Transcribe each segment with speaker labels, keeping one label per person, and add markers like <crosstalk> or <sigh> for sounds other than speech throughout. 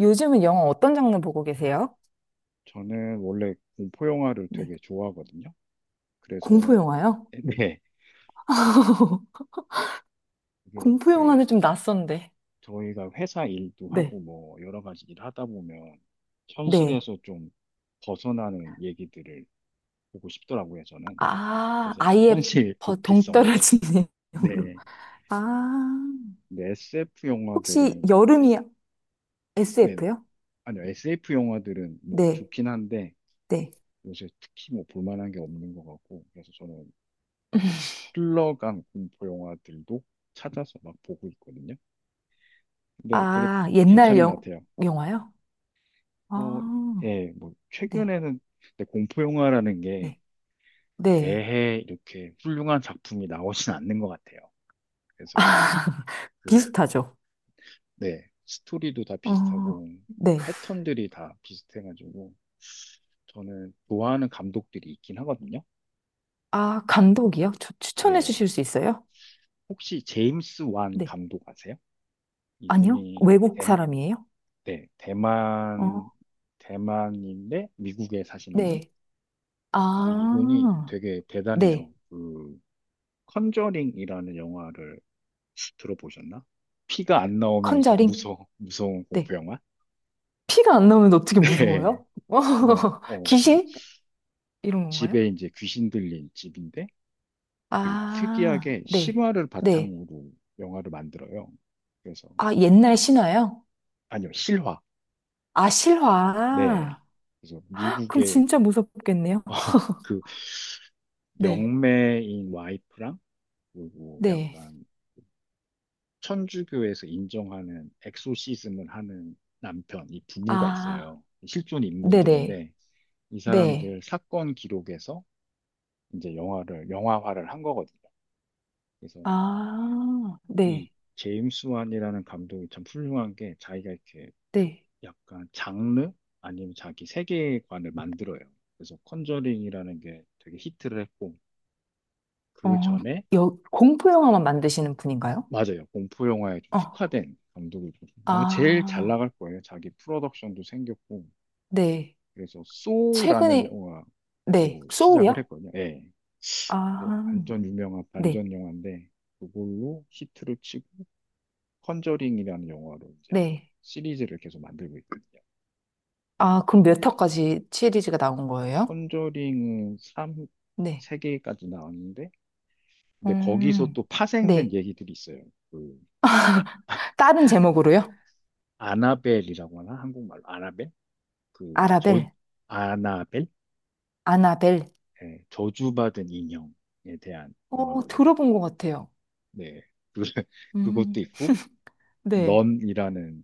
Speaker 1: 요즘은 영화 어떤 장르 보고 계세요?
Speaker 2: 저는 원래 공포 영화를
Speaker 1: 네.
Speaker 2: 되게 좋아하거든요.
Speaker 1: 공포
Speaker 2: 그래서
Speaker 1: 영화요?
Speaker 2: <laughs> 네,
Speaker 1: <laughs>
Speaker 2: 이게
Speaker 1: 공포
Speaker 2: 네,
Speaker 1: 영화는 좀 낯선데.
Speaker 2: 저희가 회사 일도
Speaker 1: 네.
Speaker 2: 하고 뭐 여러 가지 일 하다 보면
Speaker 1: 네.
Speaker 2: 현실에서 좀 벗어나는 얘기들을 보고 싶더라고요, 저는.
Speaker 1: 아,
Speaker 2: 그래서 약간
Speaker 1: 아예
Speaker 2: 현실 <laughs> 도피성으로.
Speaker 1: 동떨어지는 <laughs>
Speaker 2: 네,
Speaker 1: 영화로. 아,
Speaker 2: 근데 SF
Speaker 1: 혹시
Speaker 2: 영화들은,
Speaker 1: 여름이
Speaker 2: 네네.
Speaker 1: SF요?
Speaker 2: 아니요, SF 영화들은 뭐
Speaker 1: 네.
Speaker 2: 좋긴 한데
Speaker 1: 네.
Speaker 2: 요새 특히 뭐 볼만한 게 없는 것 같고, 그래서 저는 흘러간 공포 영화들도 찾아서 막 보고 있거든요. 근데 되게
Speaker 1: 아,
Speaker 2: 괜찮은 것 같아요.
Speaker 1: 영화요?
Speaker 2: 뭐,
Speaker 1: 아,
Speaker 2: 예, 뭐,
Speaker 1: 네.
Speaker 2: 최근에는, 근데 공포 영화라는 게
Speaker 1: 네. 네.
Speaker 2: 매해 이렇게 훌륭한 작품이 나오진 않는 것 같아요. 그래서,
Speaker 1: 아, <laughs>
Speaker 2: 그, <laughs>
Speaker 1: 비슷하죠?
Speaker 2: 네, 스토리도 다
Speaker 1: 어,
Speaker 2: 비슷하고,
Speaker 1: 네.
Speaker 2: 패턴들이 다 비슷해가지고, 저는 좋아하는 감독들이 있긴 하거든요.
Speaker 1: 아, 감독이요? 추천해
Speaker 2: 네,
Speaker 1: 주실 수 있어요?
Speaker 2: 혹시 제임스 완
Speaker 1: 네.
Speaker 2: 감독 아세요?
Speaker 1: 아니요?
Speaker 2: 이분이,
Speaker 1: 외국
Speaker 2: 대,
Speaker 1: 사람이에요?
Speaker 2: 네, 대만,
Speaker 1: 어,
Speaker 2: 대만인데 미국에 사시는
Speaker 1: 네.
Speaker 2: 분? 근데 이분이
Speaker 1: 아,
Speaker 2: 되게
Speaker 1: 네.
Speaker 2: 대단해요. 그, 컨저링이라는 영화를 들어보셨나? 피가 안 나오면서
Speaker 1: 컨저링?
Speaker 2: 무서운
Speaker 1: 네.
Speaker 2: 공포 영화?
Speaker 1: 피가 안 나오면
Speaker 2: <laughs>
Speaker 1: 어떻게
Speaker 2: 네.
Speaker 1: 무서워요?
Speaker 2: 그냥,
Speaker 1: <laughs>
Speaker 2: 어, 그래서
Speaker 1: 귀신? 이런 건가요?
Speaker 2: 집에 이제 귀신 들린 집인데 되게
Speaker 1: 아,
Speaker 2: 특이하게
Speaker 1: 네.
Speaker 2: 실화를
Speaker 1: 네.
Speaker 2: 바탕으로 영화를 만들어요. 그래서,
Speaker 1: 아, 옛날 신화요?
Speaker 2: 아니요, 실화.
Speaker 1: 아,
Speaker 2: 네.
Speaker 1: 실화.
Speaker 2: 그래서
Speaker 1: 그럼
Speaker 2: 미국의
Speaker 1: 진짜 무섭겠네요.
Speaker 2: <laughs> 그
Speaker 1: 네.
Speaker 2: 영매인 와이프랑 그리고
Speaker 1: 네.
Speaker 2: 약간 천주교에서 인정하는 엑소시즘을 하는 남편, 이 부부가
Speaker 1: 아,
Speaker 2: 있어요. 실존
Speaker 1: 네네.
Speaker 2: 인물들인데 이
Speaker 1: 네.
Speaker 2: 사람들 사건 기록에서 이제 영화화를 한 거거든요. 그래서
Speaker 1: 아,
Speaker 2: 이
Speaker 1: 네.
Speaker 2: 제임스 완이라는 감독이 참 훌륭한 게 자기가 이렇게
Speaker 1: 네.
Speaker 2: 약간 장르? 아니면 자기 세계관을 만들어요. 그래서 컨저링이라는 게 되게 히트를 했고, 그
Speaker 1: 어,
Speaker 2: 전에,
Speaker 1: 여, 공포 영화만 만드시는 분인가요?
Speaker 2: 맞아요. 공포 영화에 좀
Speaker 1: 어.
Speaker 2: 특화된 감독이고, 아마 제일 잘
Speaker 1: 아,
Speaker 2: 나갈 거예요. 자기 프로덕션도 생겼고,
Speaker 1: 네.
Speaker 2: 그래서 소라는
Speaker 1: 최근에,
Speaker 2: 영화로
Speaker 1: 네,
Speaker 2: 시작을
Speaker 1: 소우요?
Speaker 2: 했거든요. 예. 뭐
Speaker 1: 아,
Speaker 2: 완전 유명한
Speaker 1: 네,
Speaker 2: 반전 영화인데 그걸로 히트를 치고 컨저링이라는 영화로 이제
Speaker 1: 네.
Speaker 2: 시리즈를 계속 만들고 있거든요.
Speaker 1: 아, 그럼 몇 화까지 시리즈가 나온 거예요?
Speaker 2: 컨저링은
Speaker 1: 네.
Speaker 2: 세, 개까지 나왔는데, 근데 거기서
Speaker 1: 음,
Speaker 2: 또 파생된
Speaker 1: 네.
Speaker 2: 얘기들이 있어요. 그 에-
Speaker 1: <laughs> 다른 제목으로요?
Speaker 2: 아나벨이라고 하나? 한국말로 아나벨? 그
Speaker 1: 아라벨,
Speaker 2: 저 아나벨?
Speaker 1: 아나벨.
Speaker 2: 예, 저주받은 인형에 대한
Speaker 1: 어,
Speaker 2: 영화거든요.
Speaker 1: 들어본 것 같아요.
Speaker 2: 네. 그, <laughs>
Speaker 1: 음,
Speaker 2: 그것도 있고
Speaker 1: 네.
Speaker 2: 넌이라는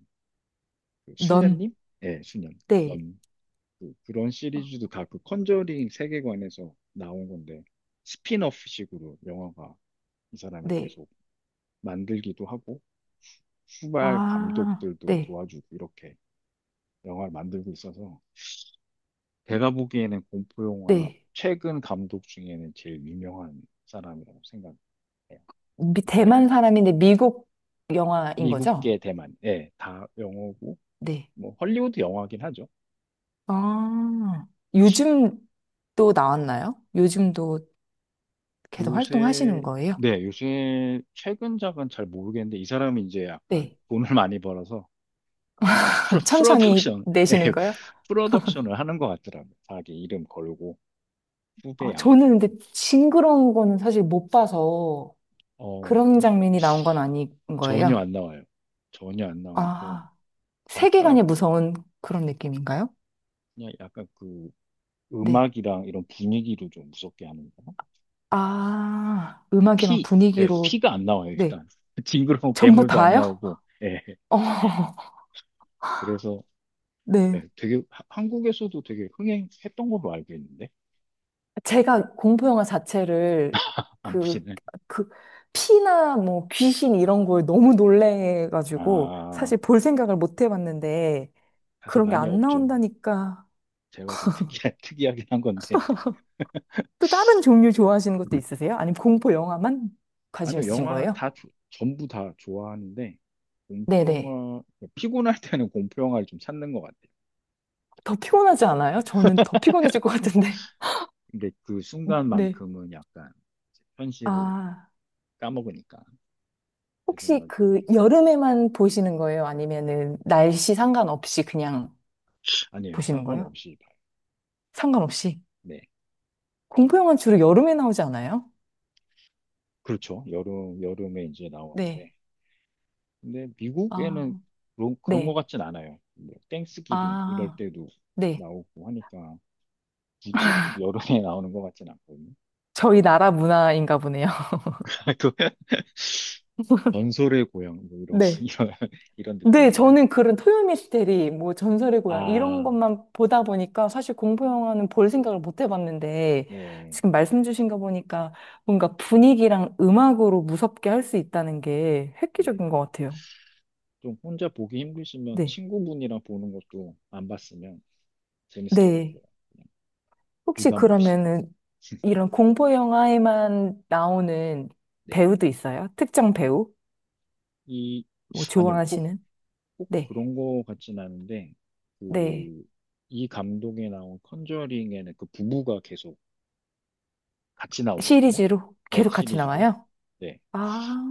Speaker 2: 그
Speaker 1: 넌,
Speaker 2: 수녀님? 예, 수녀.
Speaker 1: 네.
Speaker 2: 넌. 그런
Speaker 1: 어,
Speaker 2: 시리즈도 다 그 컨저링 세계관에서 나온 건데 스핀오프식으로 영화가 이 사람이
Speaker 1: 네.
Speaker 2: 계속 만들기도 하고 후발
Speaker 1: 아,
Speaker 2: 감독들도
Speaker 1: 네,
Speaker 2: 도와주고 이렇게 영화를 만들고 있어서, 제가 보기에는 공포 영화
Speaker 1: 네.
Speaker 2: 최근 감독 중에는 제일 유명한 사람이라고 생각해요. 만약에
Speaker 1: 대만 사람인데 미국 영화인 거죠?
Speaker 2: 미국계 대만, 예, 다 영어고
Speaker 1: 네.
Speaker 2: 뭐 헐리우드 영화긴 하죠.
Speaker 1: 아, 요즘 또 나왔나요? 요즘도 계속
Speaker 2: 요새,
Speaker 1: 활동하시는 거예요?
Speaker 2: 네, 요새 최근작은 잘 모르겠는데, 이 사람이 이제 약간
Speaker 1: 네.
Speaker 2: 돈을 <laughs> 많이 벌어서
Speaker 1: <laughs> 천천히
Speaker 2: 프로덕션, <laughs>
Speaker 1: 내시는
Speaker 2: 예,
Speaker 1: 거예요?
Speaker 2: 프로덕션을 하는 것 같더라고요. 자기 이름 걸고,
Speaker 1: 아,
Speaker 2: 후배양.
Speaker 1: 저는 근데 징그러운 거는 사실 못 봐서
Speaker 2: 어,
Speaker 1: 그런 장면이 나온 건 아닌
Speaker 2: 전혀
Speaker 1: 거예요.
Speaker 2: 안 나와요. 전혀 안 나오고,
Speaker 1: 아,
Speaker 2: 약간,
Speaker 1: 세계관이 무서운 그런 느낌인가요?
Speaker 2: 그냥 약간 그
Speaker 1: 네.
Speaker 2: 음악이랑 이런 분위기로 좀 무섭게 하는 거.
Speaker 1: 아, 음악이랑
Speaker 2: 피, 예,
Speaker 1: 분위기로,
Speaker 2: 피가 안 나와요,
Speaker 1: 네.
Speaker 2: 일단. <laughs> 징그러운
Speaker 1: 전부
Speaker 2: 괴물도 안
Speaker 1: 다요?
Speaker 2: 나오고, 예,
Speaker 1: <laughs> 어,
Speaker 2: 그래서,
Speaker 1: 네.
Speaker 2: 예, 되게, 한국에서도 되게 흥행했던 걸로 알고 있는데,
Speaker 1: 제가 공포 영화 자체를
Speaker 2: 안 보
Speaker 1: 그,
Speaker 2: 시네
Speaker 1: 그, 피나 뭐 귀신 이런 걸 너무 놀래가지고
Speaker 2: 아,
Speaker 1: 사실 볼 생각을 못 해봤는데
Speaker 2: 사실
Speaker 1: 그런 게
Speaker 2: 많이
Speaker 1: 안
Speaker 2: 없죠.
Speaker 1: 나온다니까.
Speaker 2: 제가 좀 <laughs> 특이하긴 한 건데.
Speaker 1: 또 다른 종류 좋아하시는 것도 있으세요? 아니면 공포 영화만 관심
Speaker 2: 아니요,
Speaker 1: 있으신
Speaker 2: 영화는
Speaker 1: 거예요?
Speaker 2: 다, 전부 다 좋아하는데,
Speaker 1: 네네.
Speaker 2: 공포영화, 피곤할 때는 공포영화를 좀 찾는 것 같아요.
Speaker 1: 더
Speaker 2: 예, 예.
Speaker 1: 피곤하지 않아요? 저는 더 피곤해질 것 같은데.
Speaker 2: 근데 그
Speaker 1: <laughs> 네.
Speaker 2: 순간만큼은 약간 이제 현실을
Speaker 1: 아,
Speaker 2: 까먹으니까, 제
Speaker 1: 혹시
Speaker 2: 생각에는
Speaker 1: 그
Speaker 2: 괜찮아요.
Speaker 1: 여름에만 보시는 거예요? 아니면은 날씨 상관없이 그냥
Speaker 2: 아니에요,
Speaker 1: 보시는 거예요?
Speaker 2: 상관없이 봐요.
Speaker 1: 상관없이.
Speaker 2: 네.
Speaker 1: 공포 영화는 주로 여름에 나오지 않아요?
Speaker 2: 그렇죠. 여름에 이제
Speaker 1: 네.
Speaker 2: 나오는데, 근데
Speaker 1: 아,
Speaker 2: 미국에는 그런 것
Speaker 1: 네.
Speaker 2: 같진 않아요. 뭐 땡스기빙 이럴
Speaker 1: 아,
Speaker 2: 때도
Speaker 1: 네.
Speaker 2: 나오고 하니까. 굳이 꼭 여름에 <laughs> 나오는 것 같진 않거든요.
Speaker 1: 저희 나라 문화인가 보네요. <laughs>
Speaker 2: <laughs> 그 전설의 고향, 뭐 이런,
Speaker 1: 네.
Speaker 2: <laughs> 이런, 이런
Speaker 1: 네,
Speaker 2: 느낌인가요?
Speaker 1: 저는 그런 토요 미스테리, 뭐 전설의 고향 이런
Speaker 2: 아,
Speaker 1: 것만 보다 보니까 사실 공포 영화는 볼 생각을 못 해봤는데
Speaker 2: 네,
Speaker 1: 지금 말씀 주신 거 보니까 뭔가 분위기랑 음악으로 무섭게 할 수 있다는 게
Speaker 2: 네.
Speaker 1: 획기적인 것 같아요.
Speaker 2: 좀 혼자 보기 힘드시면
Speaker 1: 네.
Speaker 2: 친구분이랑 보는 것도 안 봤으면 재밌을 것
Speaker 1: 네.
Speaker 2: 같아요. 그냥
Speaker 1: 혹시
Speaker 2: 부담 없이.
Speaker 1: 그러면은 이런 공포 영화에만 나오는
Speaker 2: 네.
Speaker 1: 배우도 있어요? 특정 배우?
Speaker 2: 이,
Speaker 1: 뭐
Speaker 2: 아니요, 꼭,
Speaker 1: 좋아하시는?
Speaker 2: 꼭
Speaker 1: 네.
Speaker 2: 그런 거 같진 않은데,
Speaker 1: 네.
Speaker 2: 그, 이 감독에 나온 컨저링에는 그 부부가 계속 같이 나오거든요.
Speaker 1: 시리즈로
Speaker 2: 네,
Speaker 1: 계속 같이
Speaker 2: 시리즈로.
Speaker 1: 나와요?
Speaker 2: 네.
Speaker 1: 아,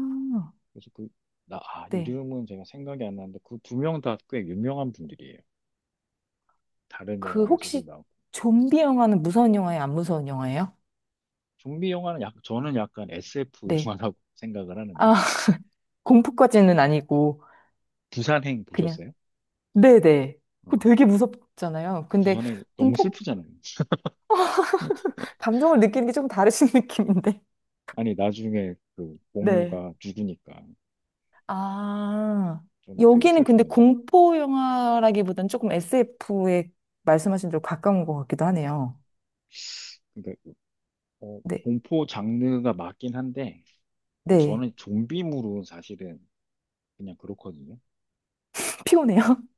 Speaker 2: 그래서 그, 나, 아,
Speaker 1: 네.
Speaker 2: 이름은 제가 생각이 안 나는데 그 2명 다 꽤 유명한 분들이에요. 다른
Speaker 1: 그
Speaker 2: 영화에서도
Speaker 1: 혹시
Speaker 2: 나오고.
Speaker 1: 좀비 영화는 무서운 영화예요? 안 무서운 영화예요?
Speaker 2: 좀비 영화는 약, 저는 약간 SF
Speaker 1: 네.
Speaker 2: 영화라고 <laughs> 생각을 하는데.
Speaker 1: 아, <laughs> 공포까지는 아니고
Speaker 2: 부산행
Speaker 1: 그냥
Speaker 2: 보셨어요?
Speaker 1: 네네. 그
Speaker 2: 어,
Speaker 1: 되게 무섭잖아요. 근데
Speaker 2: 부산행 너무
Speaker 1: 공포
Speaker 2: 슬프잖아요.
Speaker 1: 감정을 느끼는 게 조금 다르신 <laughs> 느낌인데.
Speaker 2: 아니, 나중에 그
Speaker 1: 네.
Speaker 2: 공유가 죽으니까
Speaker 1: 아,
Speaker 2: 좀 되게
Speaker 1: 여기는 근데
Speaker 2: 슬프던데.
Speaker 1: 공포 영화라기보다는 조금 SF에 말씀하신 대로 가까운 것 같기도 하네요.
Speaker 2: 그러니까, 어,
Speaker 1: 네.
Speaker 2: 공포 장르가 맞긴 한데, 근데
Speaker 1: 네.
Speaker 2: 저는 좀비물은 사실은 그냥 그렇거든요.
Speaker 1: <laughs> 피곤해요. <laughs>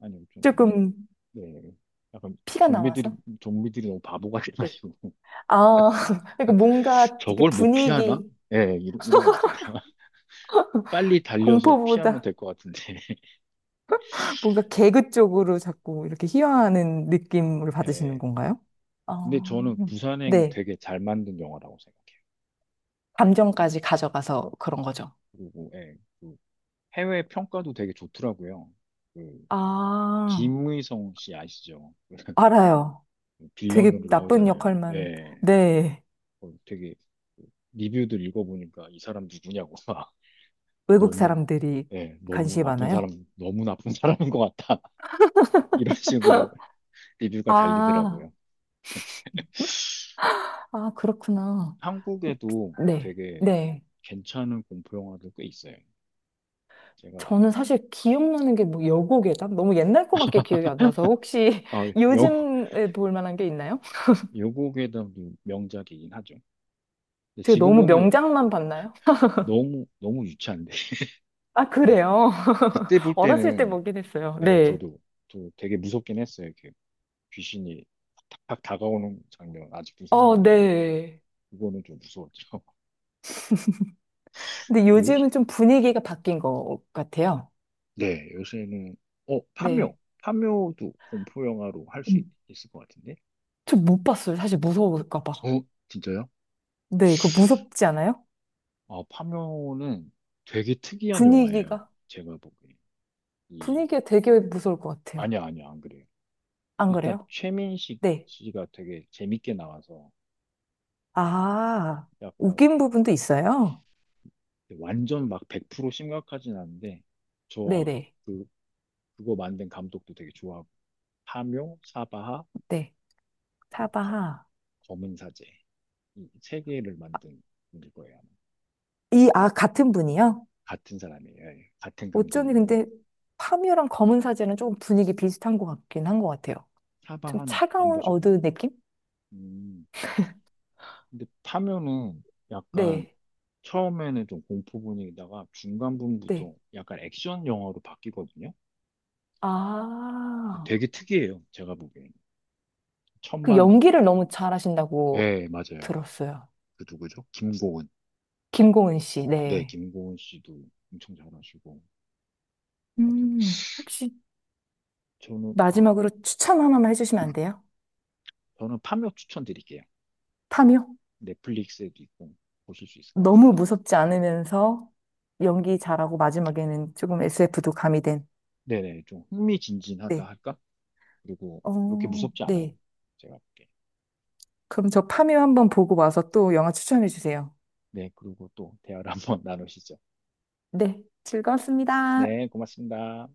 Speaker 2: 아니, 좀, 너무,
Speaker 1: 조금
Speaker 2: 네. 약간
Speaker 1: 피가 나와서.
Speaker 2: 좀비들이 너무 바보
Speaker 1: 네.
Speaker 2: 같아가지고.
Speaker 1: 아, <laughs> 그러니까 뭔가 이렇게
Speaker 2: 저걸 못 피하나?
Speaker 1: 분위기
Speaker 2: 예, 이런, 거 있잖아요. <laughs> 빨리 달려서
Speaker 1: 공포보다
Speaker 2: 피하면 될 것 같은데. <laughs>
Speaker 1: 뭔가 개그 쪽으로 자꾸 이렇게 희화하는 느낌을 받으시는
Speaker 2: 예.
Speaker 1: 건가요? 어,
Speaker 2: 근데 저는 부산행
Speaker 1: 네.
Speaker 2: 되게 잘 만든 영화라고 생각해요.
Speaker 1: 감정까지 가져가서 그런 거죠.
Speaker 2: 그리고 예, 그 해외 평가도 되게 좋더라고요. 그
Speaker 1: 아,
Speaker 2: 김의성 씨 아시죠?
Speaker 1: 알아요.
Speaker 2: 그
Speaker 1: 되게
Speaker 2: 빌런으로
Speaker 1: 나쁜
Speaker 2: 나오잖아요.
Speaker 1: 역할만,
Speaker 2: 예.
Speaker 1: 네,
Speaker 2: 어, 되게 그 리뷰들 읽어보니까 이 사람 누구냐고 <laughs> 막
Speaker 1: 외국
Speaker 2: 너무
Speaker 1: 사람들이
Speaker 2: 예, 너무
Speaker 1: 관심이
Speaker 2: 나쁜 사람,
Speaker 1: 많아요.
Speaker 2: 너무 나쁜 사람인 것 같다. <laughs> 이런 식으로 리뷰가
Speaker 1: 아,
Speaker 2: 달리더라고요.
Speaker 1: 아, 그렇구나.
Speaker 2: 한국에도
Speaker 1: 네.
Speaker 2: 되게
Speaker 1: 네.
Speaker 2: 괜찮은 공포 영화들 꽤 있어요. 제가
Speaker 1: 저는 사실 기억나는 게 뭐 여고괴담? 너무 옛날 거밖에 기억이 안 나서 혹시
Speaker 2: 아,
Speaker 1: <laughs>
Speaker 2: 여,
Speaker 1: 요즘에 볼 만한 게 있나요?
Speaker 2: 여고에 담도 명작이긴 하죠. 근데
Speaker 1: 제가
Speaker 2: 지금
Speaker 1: 너무
Speaker 2: 보면
Speaker 1: 명작만 봤나요?
Speaker 2: 너무 너무 유치한데. <laughs>
Speaker 1: 아,
Speaker 2: 아니
Speaker 1: 그래요?
Speaker 2: 그때
Speaker 1: <laughs>
Speaker 2: 볼
Speaker 1: 어렸을 때
Speaker 2: 때는
Speaker 1: 먹긴 했어요.
Speaker 2: 예,
Speaker 1: 네.
Speaker 2: 저도 또 되게 무섭긴 했어요. 이렇게 귀신이 탁탁 다가오는 장면 아직도
Speaker 1: 어,
Speaker 2: 생각나는데
Speaker 1: 네.
Speaker 2: 이거는 좀 무서웠죠. <laughs>
Speaker 1: 근데
Speaker 2: 요,
Speaker 1: 요즘은 좀 분위기가 바뀐 것 같아요.
Speaker 2: 네, 요새는 어
Speaker 1: 네.
Speaker 2: 파묘도 공포 영화로 할 수 있을 것 같은데.
Speaker 1: 좀 못 봤어요. 사실 무서울까 봐.
Speaker 2: 어 진짜요?
Speaker 1: 네, 그거 무섭지 않아요?
Speaker 2: 아 파묘는 되게 특이한 영화예요.
Speaker 1: 분위기가.
Speaker 2: 제가 보기에. 이
Speaker 1: 분위기가 되게 무서울 것 같아요.
Speaker 2: 아니야, 아니야, 안 그래.
Speaker 1: 안
Speaker 2: 일단
Speaker 1: 그래요?
Speaker 2: 최민식
Speaker 1: 네.
Speaker 2: 씨가 되게 재밌게 나와서
Speaker 1: 아,
Speaker 2: 약간
Speaker 1: 웃긴 부분도 있어요.
Speaker 2: 완전 막 100% 심각하진 않은데 저 아,
Speaker 1: 네네.
Speaker 2: 그, 그거 만든 감독도 되게 좋아하고 파묘, 사바하,
Speaker 1: 네.
Speaker 2: 그 거,
Speaker 1: 사바하.
Speaker 2: 검은 사제 이 세 개를 만든 분일 거예요. 아마.
Speaker 1: 이, 아, 같은 분이요?
Speaker 2: 같은 사람이에요. 예, 같은
Speaker 1: 어쩐지
Speaker 2: 감독이고
Speaker 1: 근데 파묘랑 검은 사제는 조금 분위기 비슷한 것 같긴 한 것 같아요. 좀
Speaker 2: 사바하는 안
Speaker 1: 차가운
Speaker 2: 보셨구나.
Speaker 1: 어두 느낌?
Speaker 2: 음, 근데 파묘는 약간
Speaker 1: 네,
Speaker 2: 처음에는 좀 공포 분위기다가 중간
Speaker 1: 네.
Speaker 2: 부분부터 약간 액션 영화로 바뀌거든요.
Speaker 1: 아,
Speaker 2: 되게 특이해요. 제가 보기엔.
Speaker 1: 그
Speaker 2: 천만,
Speaker 1: 연기를 너무 잘하신다고
Speaker 2: 예, 맞아요.
Speaker 1: 들었어요.
Speaker 2: 그 누구죠? 김고은.
Speaker 1: 김고은 씨,
Speaker 2: 네,
Speaker 1: 네.
Speaker 2: 김고은 씨도 엄청 잘하시고. 하여튼
Speaker 1: 혹시
Speaker 2: 저는, 어,
Speaker 1: 마지막으로 추천 하나만 해주시면 안 돼요?
Speaker 2: 저는 파묘 추천드릴게요.
Speaker 1: 탐요?
Speaker 2: 넷플릭스에도 있고, 보실 수 있을 것
Speaker 1: 너무
Speaker 2: 같은데.
Speaker 1: 무섭지 않으면서 연기 잘하고 마지막에는 조금 SF도 가미된.
Speaker 2: 네네, 좀 흥미진진하다
Speaker 1: 네.
Speaker 2: 할까? 그리고 그렇게
Speaker 1: 어,
Speaker 2: 무섭지 않아요.
Speaker 1: 네.
Speaker 2: 제가 볼게.
Speaker 1: 그럼 저 파묘 한번 보고 와서 또 영화 추천해 주세요.
Speaker 2: 네, 그리고 또 대화를 <laughs> 한번 나누시죠.
Speaker 1: 네. 즐거웠습니다.
Speaker 2: 네, 고맙습니다.